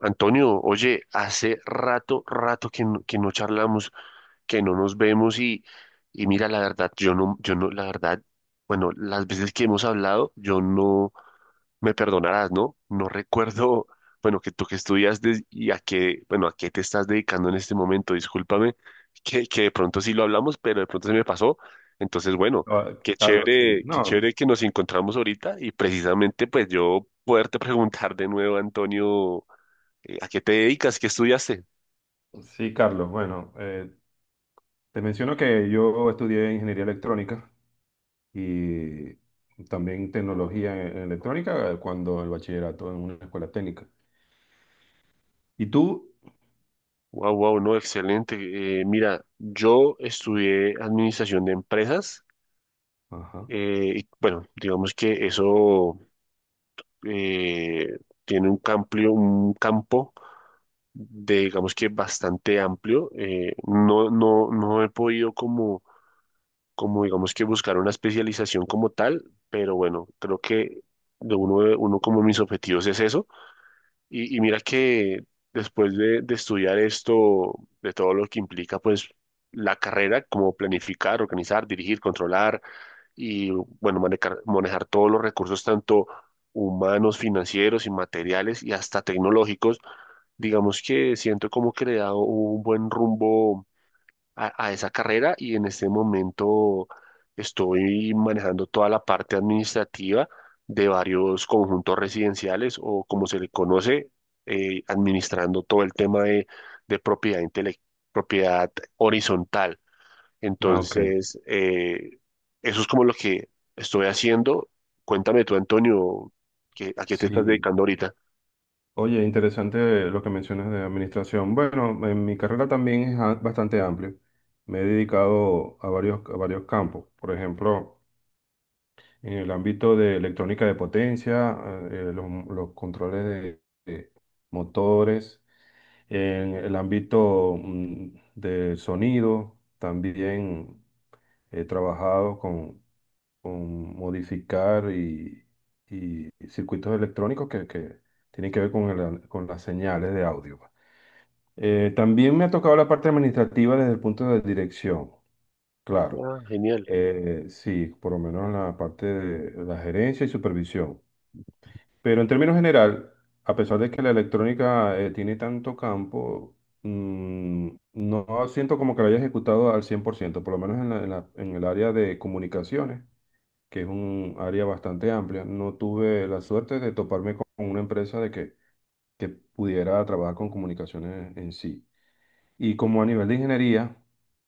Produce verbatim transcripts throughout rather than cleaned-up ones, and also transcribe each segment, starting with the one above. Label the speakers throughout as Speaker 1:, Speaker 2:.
Speaker 1: Antonio, oye, hace rato, rato que no, que no charlamos, que no nos vemos y, y mira, la verdad, yo no, yo no, la verdad, bueno, las veces que hemos hablado, yo no, me perdonarás, ¿no? No recuerdo, bueno, que tú que estudiaste y a qué, bueno, a qué te estás dedicando en este momento, discúlpame, que, que de pronto sí lo hablamos, pero de pronto se me pasó. Entonces, bueno,
Speaker 2: Ah,
Speaker 1: qué
Speaker 2: Carlos, sí.
Speaker 1: chévere, qué
Speaker 2: No,
Speaker 1: chévere que nos encontramos ahorita y precisamente pues yo poderte preguntar de nuevo, Antonio. Eh, ¿A qué te dedicas? ¿Qué estudiaste?
Speaker 2: sí, Carlos. Bueno, eh, te menciono que yo estudié ingeniería electrónica y también tecnología en en electrónica eh, cuando el bachillerato en una escuela técnica. ¿Y tú?
Speaker 1: Wow, wow, no, excelente. Eh, mira, yo estudié administración de empresas
Speaker 2: Ajá.
Speaker 1: eh, y bueno, digamos que eso eh, tiene un amplio, un campo de, digamos que bastante amplio. Eh, no, no, no he podido como, como digamos que buscar una especialización como tal, pero bueno, creo que de uno, de uno como mis objetivos es eso. Y, y mira que después de, de estudiar esto, de todo lo que implica, pues la carrera, como planificar, organizar, dirigir, controlar y, bueno, manejar, manejar todos los recursos, tanto humanos, financieros y materiales y hasta tecnológicos, digamos que siento como que le da un buen rumbo a, a esa carrera y en este momento estoy manejando toda la parte administrativa de varios conjuntos residenciales o como se le conoce, eh, administrando todo el tema de, de propiedad intele- propiedad horizontal.
Speaker 2: Ah, ok.
Speaker 1: Entonces, eh, eso es como lo que estoy haciendo. Cuéntame tú, Antonio, qué ¿a qué te estás
Speaker 2: Sí.
Speaker 1: dedicando ahorita?
Speaker 2: Oye, interesante lo que mencionas de administración. Bueno, en mi carrera también es a- bastante amplio. Me he dedicado a varios, a varios campos. Por ejemplo, en el ámbito de electrónica de potencia, eh, eh, los, los controles de de motores en el ámbito mm, de sonido, también he trabajado con, con modificar y, y circuitos electrónicos que, que tienen que ver con, el- con las señales de audio, pues. Eh, también me ha tocado la parte administrativa desde el punto de dirección, claro.
Speaker 1: Ah, genial.
Speaker 2: Eh, sí, por lo menos la parte de la gerencia y supervisión. Pero en términos general, a pesar de que la electrónica eh, tiene tanto campo, mm, no siento como que la haya ejecutado al cien por ciento, por ciento, por lo menos en la- en la- en el área de comunicaciones, que es un área bastante amplia. No tuve la suerte de toparme con una empresa de que, que pudiera trabajar con comunicaciones en sí. Y como a nivel de ingeniería,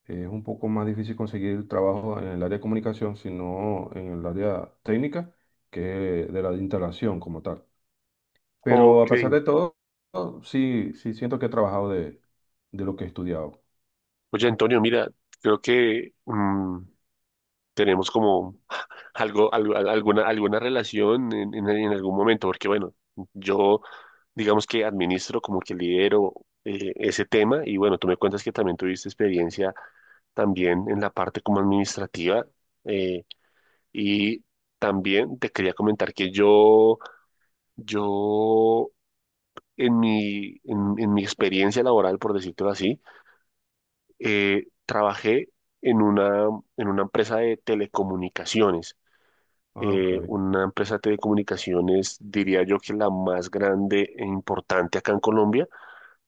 Speaker 2: eh, es un poco más difícil conseguir trabajo en el área de comunicación, sino en el área técnica, que es de la de instalación como tal. Pero a
Speaker 1: Ok.
Speaker 2: pesar de todo, sí, sí siento que he trabajado de, de lo que he estudiado.
Speaker 1: Oye, Antonio, mira, creo que mm, tenemos como algo, algo- al- alguna, alguna relación en, en- en algún momento, porque bueno, yo digamos que administro como que lidero eh, ese tema y bueno, tú me cuentas que también tuviste experiencia también en la parte como administrativa eh, y también te quería comentar que yo, yo en mi, en, en mi experiencia laboral, por decirlo así, eh, trabajé en una, en una empresa de telecomunicaciones.
Speaker 2: Ah, ok.
Speaker 1: eh, una empresa de telecomunicaciones, diría yo que la más grande e importante acá en Colombia,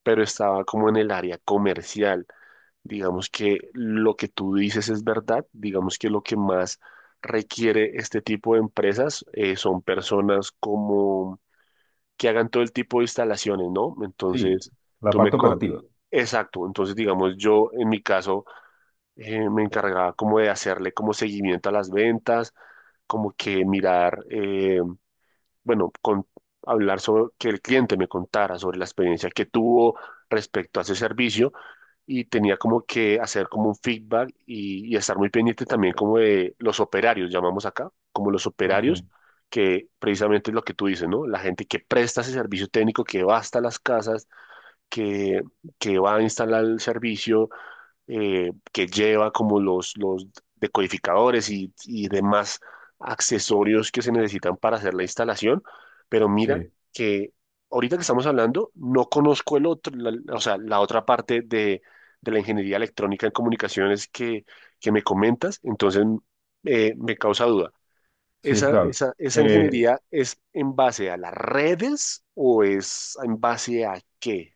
Speaker 1: pero estaba como en el área comercial. Digamos que lo que tú dices es verdad, digamos que lo que más requiere este tipo de empresas eh, son personas como que hagan todo el tipo de instalaciones, ¿no?
Speaker 2: Sí,
Speaker 1: Entonces,
Speaker 2: la
Speaker 1: tú me...
Speaker 2: parte
Speaker 1: co-
Speaker 2: operativa.
Speaker 1: Exacto, entonces digamos yo en mi caso eh, me encargaba como de hacerle como seguimiento a las ventas, como que mirar eh, bueno, con, hablar sobre que el cliente me contara sobre la experiencia que tuvo respecto a ese servicio y tenía como que hacer como un feedback y, y estar muy pendiente también como de los operarios, llamamos acá, como los
Speaker 2: Ok.
Speaker 1: operarios, que precisamente es lo que tú dices, ¿no? La gente que presta ese servicio técnico, que va hasta las casas, que, que va a instalar el servicio eh, que lleva como los, los decodificadores y, y demás accesorios que se necesitan para hacer la instalación. Pero mira
Speaker 2: Sí,
Speaker 1: que ahorita que estamos hablando, no conozco el otro, la- o sea, la otra parte de, de la ingeniería electrónica en comunicaciones que, que me comentas, entonces eh, me causa duda.
Speaker 2: sí,
Speaker 1: ¿Esa,
Speaker 2: claro.
Speaker 1: esa, esa
Speaker 2: Eh,
Speaker 1: ingeniería es en base a las redes o es en base a qué?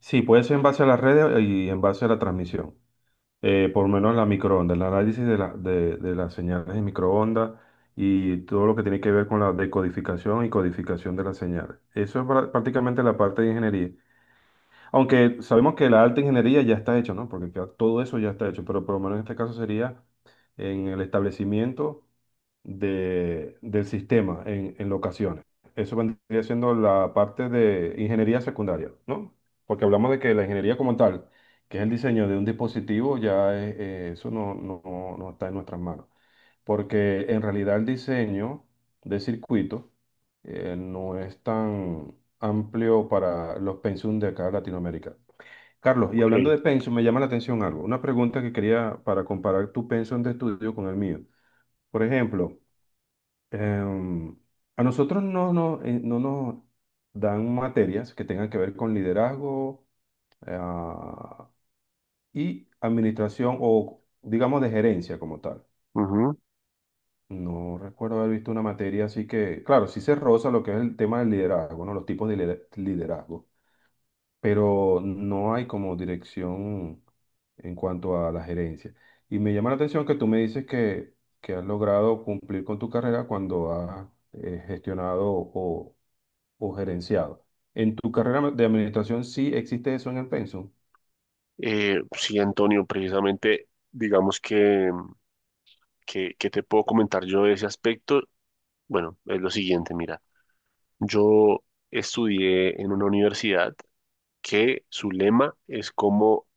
Speaker 2: sí, puede ser en base a las redes y en base a la transmisión. eh, por lo menos la microondas, el análisis de, la- de, de las señales de microondas y todo lo que tiene que ver con la decodificación y codificación de las señales. Eso es pra- prácticamente la parte de ingeniería. Aunque sabemos que la alta ingeniería ya está hecha, ¿no? Porque ya todo eso ya está hecho, pero por lo menos en este caso sería en el establecimiento de, del sistema en, en locaciones. Eso vendría siendo la parte de ingeniería secundaria, ¿no? Porque hablamos de que la ingeniería como tal, que es el diseño de un dispositivo, ya es- eh, eso no, no, no no está en nuestras manos. Porque en realidad el diseño de circuitos eh, no es tan amplio para los pensum de acá en Latinoamérica. Carlos, y
Speaker 1: Ok.
Speaker 2: hablando de pensum, me llama la atención algo, una pregunta que quería para comparar tu pensum de estudio con el mío. Por ejemplo, em, a nosotros no, no, eh, no nos dan materias que tengan que ver con liderazgo ah, y administración o digamos de gerencia como tal. No recuerdo haber visto una materia así que, claro, sí se roza lo que es el tema del liderazgo, ¿no? Los tipos de lider- liderazgo, pero no hay como dirección en cuanto a la gerencia. Y me llama la atención que tú me dices que, que has logrado cumplir con tu carrera cuando has eh, gestionado o, o gerenciado. ¿En tu carrera de administración sí existe eso en el pensum?
Speaker 1: Eh, sí, Antonio, precisamente, digamos que, que, que te puedo comentar yo de ese aspecto. Bueno, es lo siguiente, mira, yo estudié en una universidad que su lema es como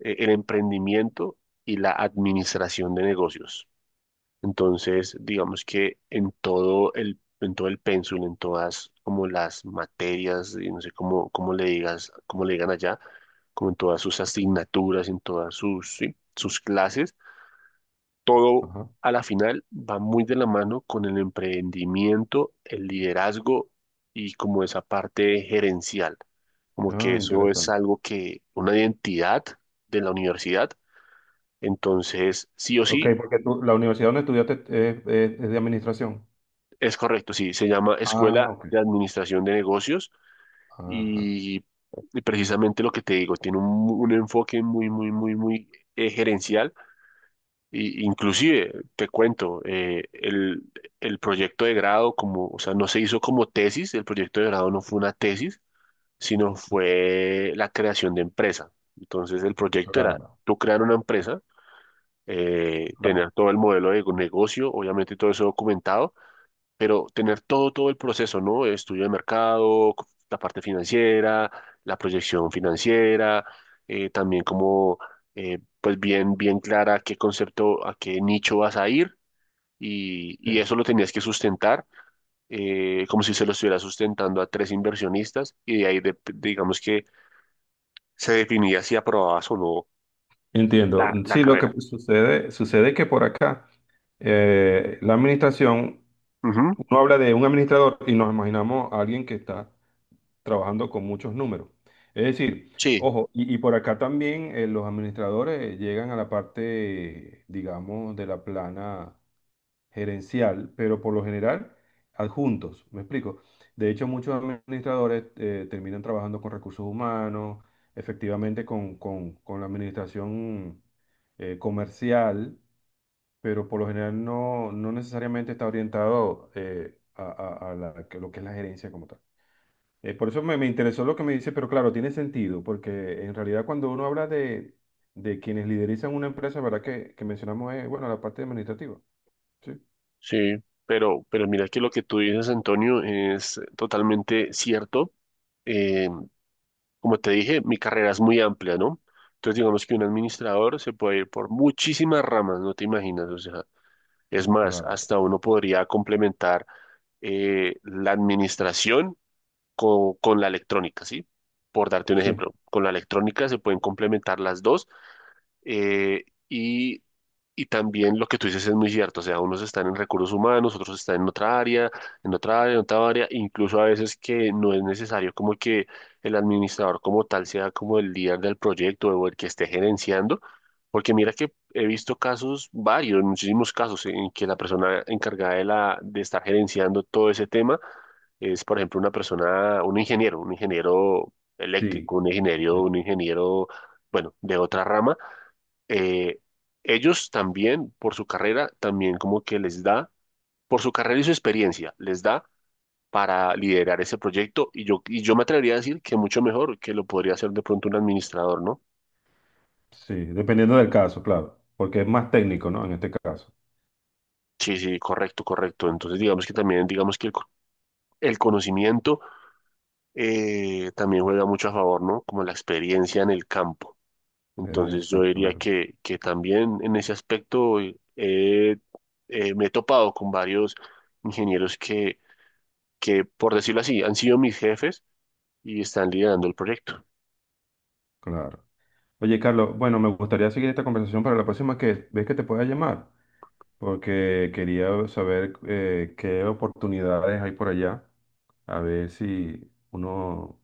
Speaker 1: eh, el emprendimiento y la administración de negocios. Entonces, digamos que en todo el, en todo el pénsul, en todas como las materias, y no sé cómo, cómo le digas, cómo le digan allá, como en todas sus asignaturas, en todas sus, sí, sus clases, todo
Speaker 2: Ajá.
Speaker 1: a la final va muy de la mano con el emprendimiento, el liderazgo y como esa parte gerencial, como que
Speaker 2: Ah,
Speaker 1: eso es
Speaker 2: interesante.
Speaker 1: algo que, una identidad de la universidad. Entonces, sí o
Speaker 2: Ok,
Speaker 1: sí,
Speaker 2: porque tú- la universidad donde estudiaste es, es- es de administración.
Speaker 1: es correcto, sí, se llama
Speaker 2: Ah,
Speaker 1: Escuela
Speaker 2: ok.
Speaker 1: de Administración de Negocios
Speaker 2: Ajá.
Speaker 1: y, y precisamente lo que te digo, tiene un, un enfoque muy, muy, muy, muy eh, gerencial. Y, inclusive, te cuento, eh, el, el proyecto de grado, como, o sea, no se hizo como tesis, el proyecto de grado no fue una tesis, sino fue la creación de empresa. Entonces, el proyecto era
Speaker 2: Claro,
Speaker 1: tú crear una empresa, eh,
Speaker 2: claro.
Speaker 1: tener todo el modelo de negocio, obviamente todo eso documentado pero tener todo, todo el proceso, ¿no? Estudio de mercado, la parte financiera, la proyección financiera, eh, también como, eh, pues bien, bien clara qué concepto, a qué nicho vas a ir y, y eso lo tenías que sustentar, eh, como si se lo estuviera sustentando a tres inversionistas y de ahí, de- digamos que se definía si aprobabas o no
Speaker 2: Entiendo.
Speaker 1: la, la
Speaker 2: Sí, lo que
Speaker 1: carrera.
Speaker 2: pues, sucede, sucede que por acá eh, la administración,
Speaker 1: Ujú.
Speaker 2: uno habla de un administrador y nos imaginamos a alguien que está trabajando con muchos números. Es decir,
Speaker 1: Sí,
Speaker 2: ojo, y, y por acá también eh, los administradores llegan a la parte, digamos, de la plana gerencial, pero por lo general adjuntos, ¿me explico? De hecho, muchos administradores eh, terminan trabajando con recursos humanos, efectivamente con, con- con la administración eh, comercial, pero por lo general no, no necesariamente está orientado eh, a, a- a la- que lo que es la gerencia como tal. Eh, por eso me, me interesó lo que me dice, pero claro, tiene sentido, porque en realidad cuando uno habla de, de quienes liderizan una empresa, ¿verdad? Que, que mencionamos, eh, bueno, la parte administrativa. ¿Sí?
Speaker 1: sí, pero, pero mira que lo que tú dices, Antonio, es totalmente cierto. Eh, Como te dije, mi carrera es muy amplia, ¿no? Entonces, digamos que un administrador se puede ir por muchísimas ramas, no te imaginas. O sea, es más,
Speaker 2: Claro,
Speaker 1: hasta uno podría complementar eh, la administración co- con, la electrónica, ¿sí? Por darte un
Speaker 2: sí.
Speaker 1: ejemplo, con la electrónica se pueden complementar las dos eh, y, y también lo que tú dices es muy cierto, o sea, unos están en recursos humanos, otros están en otra área, en otra área, en otra área, incluso a veces que no es necesario como que el administrador como tal sea como el líder del proyecto o el que esté gerenciando, porque mira que he visto casos varios, muchísimos casos en que la persona encargada de la, de estar gerenciando todo ese tema es, por ejemplo, una persona, un ingeniero, un ingeniero
Speaker 2: Sí,
Speaker 1: eléctrico, un ingeniero,
Speaker 2: eh,
Speaker 1: un ingeniero, bueno, de otra rama, eh, ellos también, por su carrera, también como que les da, por su carrera y su experiencia, les da para liderar ese proyecto y yo, y yo me atrevería a decir que mucho mejor que lo podría hacer de pronto un administrador, ¿no?
Speaker 2: sí, dependiendo del caso, claro, porque es más técnico, ¿no? En este caso.
Speaker 1: Sí, sí, correcto, correcto. Entonces digamos que también, digamos que el, co- el conocimiento eh, también juega mucho a favor, ¿no? Como la experiencia en el campo. Entonces yo diría
Speaker 2: Exactamente,
Speaker 1: que, que también en ese aspecto eh, eh, me he topado con varios ingenieros que, por decirlo así, han sido mis jefes y están liderando el proyecto.
Speaker 2: claro. Oye, Carlos, bueno, me gustaría seguir esta conversación para la próxima que ves que te pueda llamar, porque quería saber eh, qué oportunidades hay por allá, a ver si uno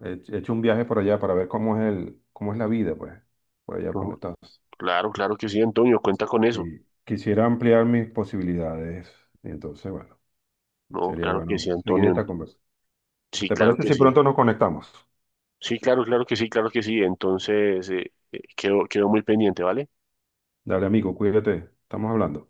Speaker 2: he he hecho un viaje por allá para ver cómo es el, cómo es la vida, pues, por allá por
Speaker 1: No,
Speaker 2: donde estás.
Speaker 1: claro, claro que sí, Antonio, cuenta con eso.
Speaker 2: Sí, quisiera ampliar mis posibilidades, entonces, bueno,
Speaker 1: No,
Speaker 2: sería
Speaker 1: claro que sí,
Speaker 2: bueno seguir
Speaker 1: Antonio.
Speaker 2: esta conversación.
Speaker 1: Sí,
Speaker 2: ¿Te
Speaker 1: claro
Speaker 2: parece
Speaker 1: que
Speaker 2: si
Speaker 1: sí.
Speaker 2: pronto nos conectamos?
Speaker 1: Sí, claro, claro que sí, claro que sí. Entonces, eh, eh, quedo, quedo muy pendiente, ¿vale?
Speaker 2: Dale, amigo, cuídate. Estamos hablando.